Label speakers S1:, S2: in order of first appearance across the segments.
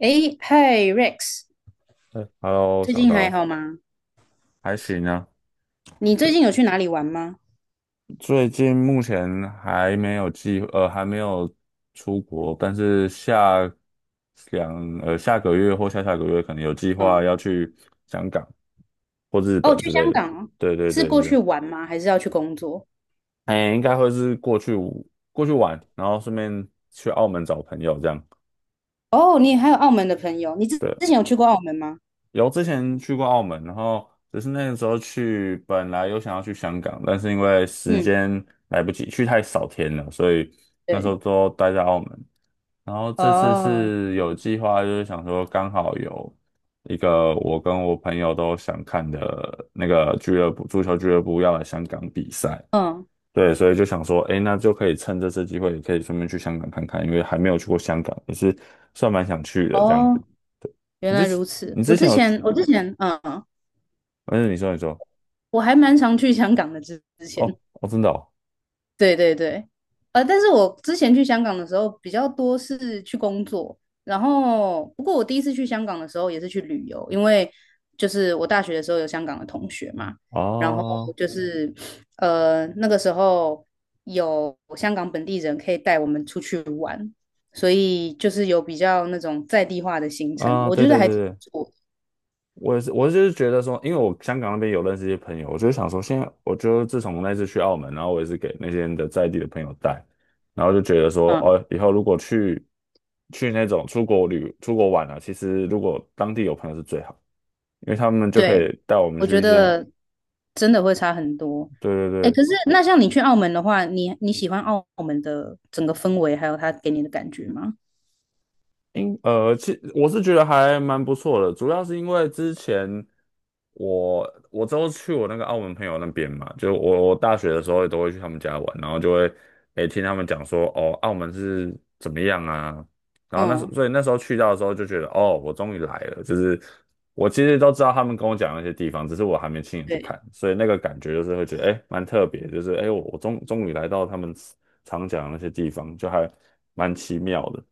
S1: 诶，嗨，Rex，
S2: 嗯，Hello，
S1: 最
S2: 小
S1: 近还
S2: 高，
S1: 好吗？
S2: 还行啊。
S1: 你最近有去哪里玩吗？
S2: 最近目前还没有出国，但是下个月或下下个月可能有计划
S1: 嗯，
S2: 要去香港或日
S1: 哦，
S2: 本
S1: 去
S2: 之
S1: 香
S2: 类的。
S1: 港哦。
S2: 对对
S1: 是
S2: 对
S1: 过
S2: 对，
S1: 去玩吗？还是要去工作？
S2: 哎，应该会是过去玩，然后顺便去澳门找朋友这样。
S1: 哦，你还有澳门的朋友，你之
S2: 对，
S1: 之前有去过澳门吗？
S2: 有之前去过澳门，然后只是那个时候去，本来有想要去香港，但是因为时
S1: 嗯，
S2: 间来不及，去太少天了，所以那时
S1: 对，
S2: 候都待在澳门。然后这次
S1: 哦，
S2: 是有计划，就是想说刚好有一个我跟我朋友都想看的那个俱乐部，足球俱乐部要来香港比赛，
S1: 嗯，
S2: 对，所以就想说，哎，那就可以趁这次机会，也可以顺便去香港看看，因为还没有去过香港，也是算蛮想去的这样。
S1: 哦，原
S2: 你
S1: 来
S2: 之
S1: 如此。
S2: 你
S1: 我
S2: 之
S1: 之
S2: 前有
S1: 前，我之前，嗯，
S2: 嗯，你说，
S1: 我还蛮常去香港的之前。
S2: 哦哦，真的
S1: 对对对，但是我之前去香港的时候比较多是去工作，然后不过我第一次去香港的时候也是去旅游，因为就是我大学的时候有香港的同学嘛，然后
S2: 哦，
S1: 就是那个时候有香港本地人可以带我们出去玩，所以就是有比较那种在地化的行程，
S2: 啊啊，
S1: 我
S2: 对
S1: 觉得
S2: 对
S1: 还
S2: 对
S1: 挺不
S2: 对，
S1: 错。
S2: 我也是，我就是觉得说，因为我香港那边有认识一些朋友，我就想说，现在我就自从那次去澳门，然后我也是给那些人的在地的朋友带，然后就觉得说，
S1: 嗯。
S2: 哦，以后如果去那种出国玩啊，其实如果当地有朋友是最好，因为他们就可
S1: 对，
S2: 以带我们
S1: 我
S2: 去
S1: 觉
S2: 一些，
S1: 得真的会差很多。
S2: 对对
S1: 哎，可是
S2: 对
S1: 那像你去澳门的话，你喜欢澳门的整个氛围，还有他给你的感觉吗？
S2: 我是觉得还蛮不错的，主要是因为之前我之后去我那个澳门朋友那边嘛，就我大学的时候也都会去他们家玩，然后就会听他们讲说哦，澳门是怎么样啊，然后
S1: 嗯，
S2: 所以那时候去到的时候就觉得哦，我终于来了，就是我其实都知道他们跟我讲那些地方，只是我还没亲眼去
S1: 对。
S2: 看，所以那个感觉就是会觉得蛮特别，就是我终于来到他们常讲的那些地方，就还蛮奇妙的。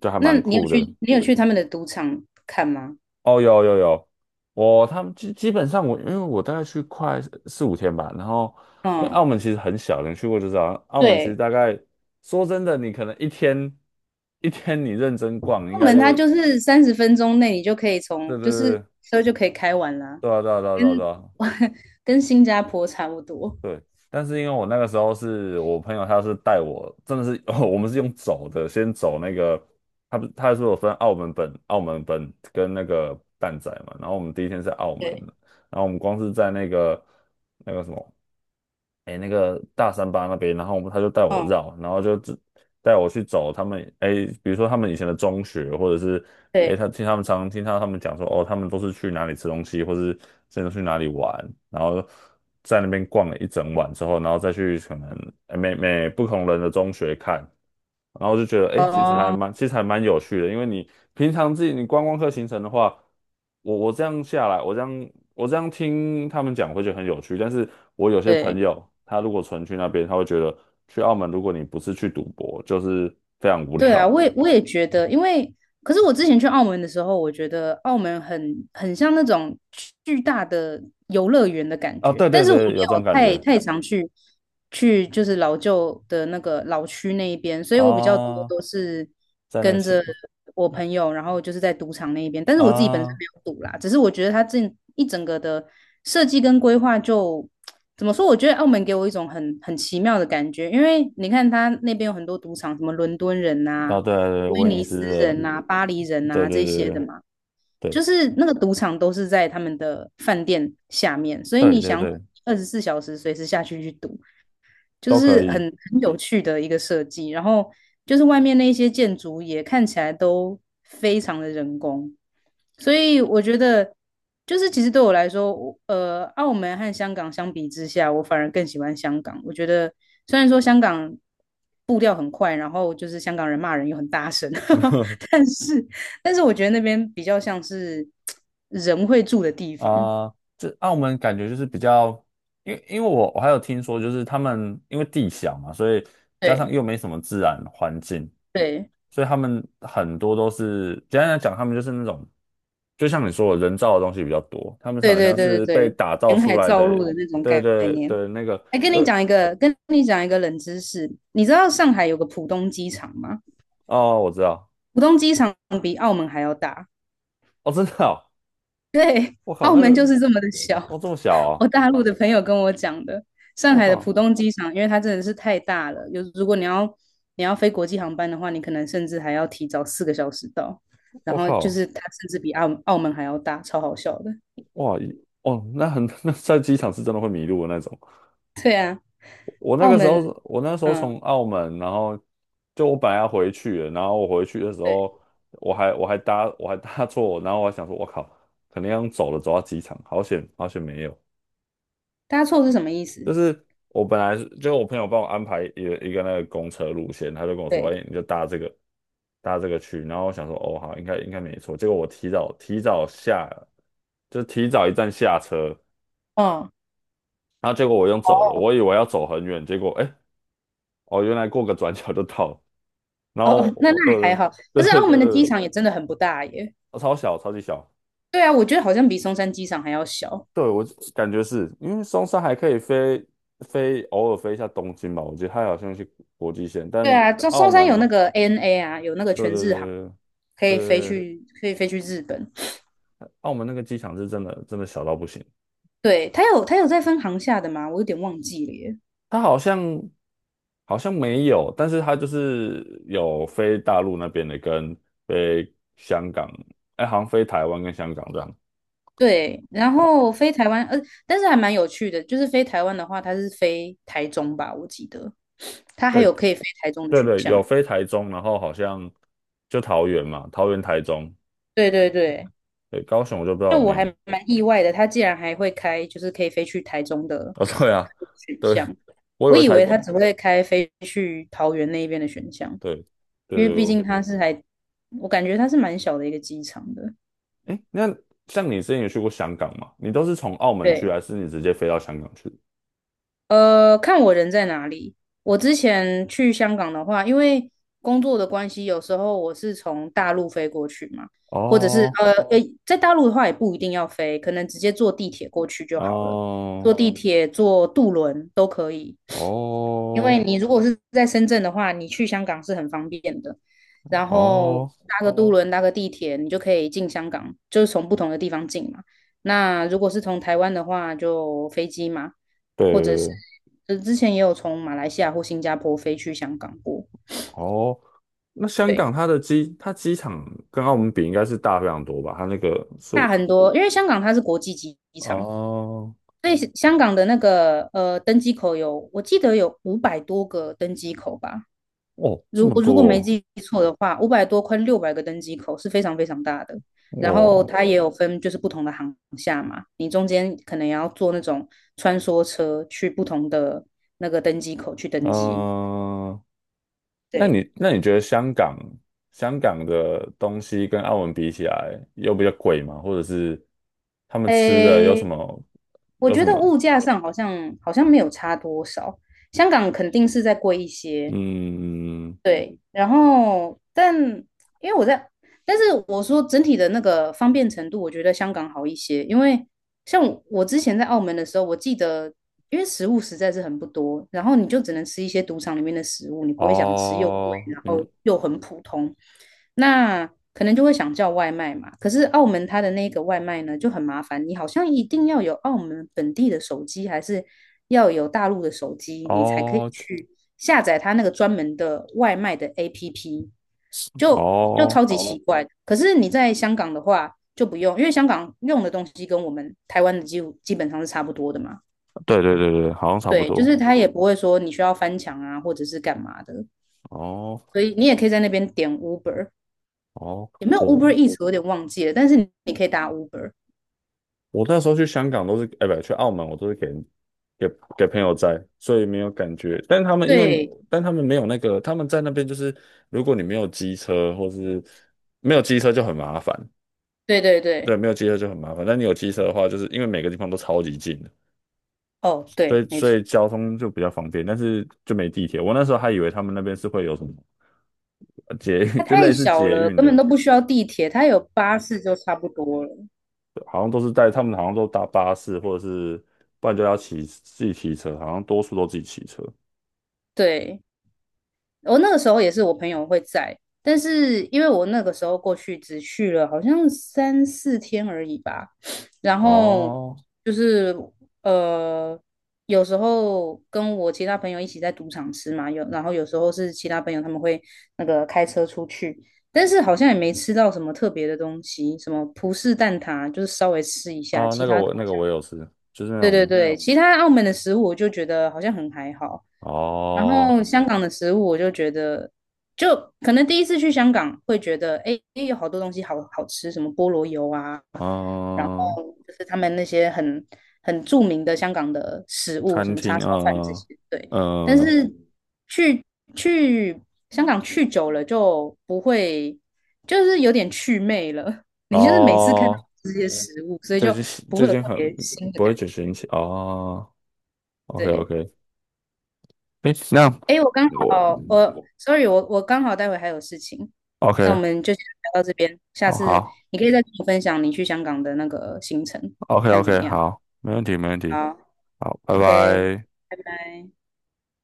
S2: 就还
S1: 那
S2: 蛮
S1: 你有
S2: 酷
S1: 去
S2: 的。
S1: 你有去他们的赌场看吗？
S2: 哦，有有有，他们基本上我因为我大概去快四五天吧，然后因为
S1: 嗯，
S2: 澳门其实很小，你去过就知道，澳门其实
S1: 对，
S2: 大概说真的，你可能一天你认真逛，应
S1: 澳
S2: 该
S1: 门它
S2: 就
S1: 就是30分钟内你就可以
S2: 对对
S1: 从就是
S2: 对
S1: 车就可以开完啦，
S2: 对啊对啊对啊
S1: 跟
S2: 对啊对啊
S1: 跟新加坡差不多。
S2: 对。但是因为我那个时候是我朋友，他是带我，真的是 哦，我们是用走的，先走那个，他不他是有分澳门本跟那个蛋仔嘛，然后我们第一天是澳门，
S1: 对，
S2: 然后我们光是在那个什么，哎，那个大三巴那边，然后我们他就带我
S1: 嗯，
S2: 绕，然后就只带我去走他们，哎，比如说他们以前的中学，或者是哎，
S1: 对，
S2: 他们常听到他们讲说，哦，他们都是去哪里吃东西，或是真的去哪里玩，然后在那边逛了一整晚之后，然后再去可能哎每不同人的中学看。然后就觉得，哎，其实还
S1: 哦，
S2: 蛮，其实还蛮有趣的，因为你平常自己你观光客行程的话。我这样下来，我这样听他们讲会觉得很有趣，但是我有些朋
S1: 对。
S2: 友，他如果纯去那边，他会觉得去澳门，如果你不是去赌博，就是非常无
S1: 对啊，
S2: 聊
S1: 我也觉得，因为可是我之前去澳门的时候，我觉得澳门很像那种巨大的游乐园的感
S2: 啊
S1: 觉，
S2: 对
S1: 但
S2: 对
S1: 是我没
S2: 对，有这种
S1: 有
S2: 感
S1: 太
S2: 觉
S1: 太常去去就是老旧的那个老区那一边，所以我比较多
S2: 啊，
S1: 都是。
S2: 在那个
S1: 跟
S2: 县
S1: 着我朋友，然后就是在赌场那一边，但是
S2: 啊，
S1: 我自己本身
S2: 啊
S1: 没有赌啦，只是我觉得它这一整个的设计跟规划就怎么说？我觉得澳门给我一种很奇妙的感觉，因为你看它那边有很多赌场，什么伦敦人呐、
S2: 对对对，
S1: 威
S2: 威尼
S1: 尼
S2: 斯
S1: 斯
S2: 的，
S1: 人呐、巴黎人
S2: 对
S1: 呐、
S2: 对
S1: 这些的
S2: 对
S1: 嘛，就
S2: 对
S1: 是那个赌场都是在他们的饭店下面，所以
S2: 对
S1: 你
S2: 对
S1: 想
S2: 对对，
S1: 24小时随时下去去赌，就
S2: 都可
S1: 是很
S2: 以。
S1: 很有趣的一个设计。然后就是外面那一些建筑也看起来都非常的人工，所以我觉得就是其实对我来说，我澳门和香港相比之下，我反而更喜欢香港。我觉得虽然说香港步调很快，然后就是香港人骂人又很大声，但是但是我觉得那边比较像是人会住的地方。
S2: 啊、这澳门感觉就是比较，因为我还有听说，就是他们因为地小嘛，所以加上
S1: 对
S2: 又没什么自然环境，
S1: 对
S2: 所以他们很多都是简单来讲，他们就是那种，就像你说的，人造的东西比较多，他们
S1: 对
S2: 好
S1: 对
S2: 像
S1: 对对
S2: 是被
S1: 对，
S2: 打造
S1: 填
S2: 出
S1: 海
S2: 来的，
S1: 造陆的那种
S2: 对
S1: 概
S2: 对
S1: 念。
S2: 对，那个
S1: 哎，跟
S2: 有
S1: 你讲一个，跟你讲一个冷知识，你知道上海有个浦东机场吗？
S2: 哦，我知道，
S1: 浦东机场比澳门还要大，
S2: 哦，真的哦，我靠，
S1: 澳
S2: 那
S1: 门就
S2: 个
S1: 是这么的小。
S2: 哦这么小 哦，
S1: 我大陆的朋友跟我讲的，上
S2: 我
S1: 海的浦
S2: 靠，
S1: 东机场，因为它真的是太大了，如果你要飞国际航班的话，你可能甚至还要提早4个小时到，然
S2: 我
S1: 后就
S2: 靠，
S1: 是它甚至比澳门还要大，超好笑的。
S2: 哇，哦，那很 那在机场是真的会迷路的那种。
S1: 对啊，澳门，
S2: 我那时候从
S1: 嗯，
S2: 澳门，然后就我本来要回去了，然后我回去的时
S1: 对，
S2: 候，我还搭错，然后我还想说，我靠，肯定要走了，走到机场，好险好险没有。
S1: 搭错是什么意
S2: 就
S1: 思？
S2: 是我本来是就我朋友帮我安排一个那个公车路线，他就跟我说，
S1: 对，
S2: 哎、你就搭这个去，然后我想说，哦好，应该没错。结果我提早提早下，就提早一站下车，
S1: 嗯。
S2: 然后结果我用走的，我以为要走很远，结果哎、哦原来过个转角就到了。然
S1: 哦
S2: 后
S1: 哦，那
S2: 我
S1: 还
S2: 对
S1: 好。
S2: 对
S1: 可是
S2: 对对
S1: 澳门的
S2: 对，对
S1: 机场也真的很不大耶。
S2: 超小超级小，
S1: 对啊，我觉得好像比松山机场还要小。
S2: 对我感觉是因为松山还可以飞，偶尔飞一下东京吧，我觉得它好像是国际线，
S1: 对
S2: 但
S1: 啊，松
S2: 澳
S1: 松山有那
S2: 门
S1: 个 ANA 啊，有那个
S2: 对
S1: 全
S2: 对
S1: 日航，
S2: 对
S1: 可
S2: 对
S1: 以飞
S2: 对，
S1: 去，可以飞去日本。
S2: 澳门那个机场是真的真的小到不行，
S1: 对，它有在分航下的吗？我有点忘记了耶。
S2: 它好像没有，但是它就是有飞大陆那边的跟飞香港，哎，好像飞台湾跟香港这样。
S1: 对，然后飞台湾，但是还蛮有趣的，就是飞台湾的话，它是飞台中吧，我记得，它还
S2: 对
S1: 有可以飞台中的
S2: 对
S1: 选
S2: 对，
S1: 项。
S2: 有飞台中，然后好像就桃园嘛，桃园、台中，
S1: 对对对，
S2: 对，高雄我就不知道
S1: 就
S2: 有没
S1: 我还
S2: 有。
S1: 蛮意外的，他竟然还会开，就是可以飞去台中的
S2: 哦，对啊，
S1: 选
S2: 对，
S1: 项。
S2: 我以
S1: 我
S2: 为
S1: 以
S2: 台，
S1: 为他只会开飞去桃园那边的选项，
S2: 对
S1: 因为毕
S2: 对，
S1: 竟他是还，我感觉他是蛮小的一个机场的。
S2: 哎，那像你之前有去过香港吗？你都是从澳门去，
S1: 对，
S2: 还是你直接飞到香港去？
S1: 看我人在哪里。我之前去香港的话，因为工作的关系，有时候我是从大陆飞过去嘛，或者是
S2: 哦，
S1: 诶，在大陆的话也不一定要飞，可能直接坐地铁过去就好了。坐
S2: 哦，
S1: 地铁、坐渡轮都可以。因
S2: 哦，
S1: 为你如果是在深圳的话，你去香港是很方便的，然后
S2: 哦，
S1: 搭个渡轮、搭个地铁，你就可以进香港，就是从不同的地方进嘛。那如果是从台湾的话，就飞机嘛。
S2: 对，
S1: 就之前也有从马来西亚或新加坡飞去香港过，
S2: 哦，那香
S1: 对，
S2: 港它机场跟澳门比应该是大非常多吧？它那个是，
S1: 大很多，因为香港它是国际机场，
S2: 哦，
S1: 所以香港的那个登机口有，我记得有500多个登机口吧，
S2: 哦，这
S1: 如
S2: 么
S1: 我
S2: 多
S1: 如果没
S2: 哦
S1: 记错的话，500多快600个登机口是非常非常大的。然后
S2: 我，
S1: 它也有分就是不同的航厦嘛，你中间可能也要坐那种穿梭车去不同的那个登机口去登机。
S2: 嗯，那
S1: 对，
S2: 你那你觉得香港的东西跟澳门比起来，又比较贵吗？或者是他们吃的有什
S1: 诶，
S2: 么
S1: 我
S2: 有什
S1: 觉得
S2: 么？
S1: 物价上好像没有差多少，香港肯定是在贵一些，
S2: 嗯，
S1: 对，然后但因为我在，但是我说整体的那个方便程度，我觉得香港好一些。因为像我之前在澳门的时候，我记得因为食物实在是很不多，然后你就只能吃一些赌场里面的食物，你不会想吃又贵，
S2: 哦，
S1: 然
S2: 你
S1: 后
S2: 们
S1: 又很普通。那可能就会想叫外卖嘛。可是澳门它的那个外卖呢就很麻烦，你好像一定要有澳门本地的手机，还是要有大陆的手机，你才可以
S2: 哦
S1: 去下载它那个专门的外卖的 APP，就就
S2: 哦，
S1: 超级奇怪的。可是你在香港的话就不用，因为香港用的东西跟我们台湾的基本上是差不多的嘛。
S2: 对对对对，好像差不
S1: 对，就
S2: 多。
S1: 是它也不会说你需要翻墙啊，或者是干嘛的，
S2: 哦
S1: 所以你也可以在那边点 Uber。
S2: 哦，
S1: 也没有
S2: 哦。
S1: Uber e a s 我有点忘记了，但是你可以打 Uber。
S2: 我那时候去香港都是，哎，不，去澳门我都是给给朋友摘，所以没有感觉。
S1: 对，
S2: 但他们没有那个，他们在那边就是，如果你没有机车，或是没有机车就很麻烦。
S1: 对对对，
S2: 对，没有机车就很麻烦。但你有机车的话，就是因为每个地方都超级近的，
S1: 哦，
S2: 所以
S1: 对，没
S2: 所
S1: 错，
S2: 以交通就比较方便，但是就没地铁。我那时候还以为他们那边是会有什么捷
S1: 它
S2: 运，就类
S1: 太
S2: 似
S1: 小
S2: 捷
S1: 了，
S2: 运
S1: 根本
S2: 的，
S1: 都不需要地铁，它有巴士就差不多了。
S2: 好像都是带他们好像都搭巴士，或者是不然就要自己骑车，好像多数都自己骑车。
S1: 对，我那个时候也是我朋友会在，但是因为我那个时候过去只去了好像三四天而已吧，然后
S2: 哦，
S1: 就是呃，有时候跟我其他朋友一起在赌场吃嘛，然后有时候是其他朋友他们会那个开车出去，但是好像也没吃到什么特别的东西，什么葡式蛋挞就是稍微吃一下，
S2: 啊，
S1: 其
S2: 那个
S1: 他的
S2: 我那个我有吃，就是那
S1: 对对
S2: 种
S1: 对，其他澳门的食物我就觉得好像很还好。然
S2: 哦，
S1: 后香港的食物，我就觉得，就可能第一次去香港会觉得，哎，诶有好多东西好好吃，什么菠萝油啊，然后
S2: 嗯、
S1: 就是他们那些很著名的香港的食物，什
S2: 餐
S1: 么
S2: 厅，
S1: 叉烧饭这
S2: 嗯、
S1: 些，对。但
S2: 嗯、
S1: 是去去香港去久了就不会，就是有点祛魅了。你就是每次看到
S2: 哦，
S1: 这些食物，所以
S2: 最
S1: 就
S2: 近
S1: 不会
S2: 最
S1: 有
S2: 近
S1: 特
S2: 很
S1: 别新的
S2: 不
S1: 感
S2: 会举
S1: 觉，
S2: 行起哦，OK
S1: 对。
S2: OK，诶，那
S1: 哎，我刚
S2: 我
S1: 好，我 sorry，我刚好待会还有事情，那我
S2: OK，
S1: 们就先聊到这边，下
S2: 哦
S1: 次
S2: 好
S1: 你可以再跟我分享你去香港的那个行程，
S2: ，OK
S1: 看怎么
S2: OK，
S1: 样。
S2: 好，没问题没问题，
S1: 好
S2: 好，拜
S1: ，OK，
S2: 拜。
S1: 拜拜。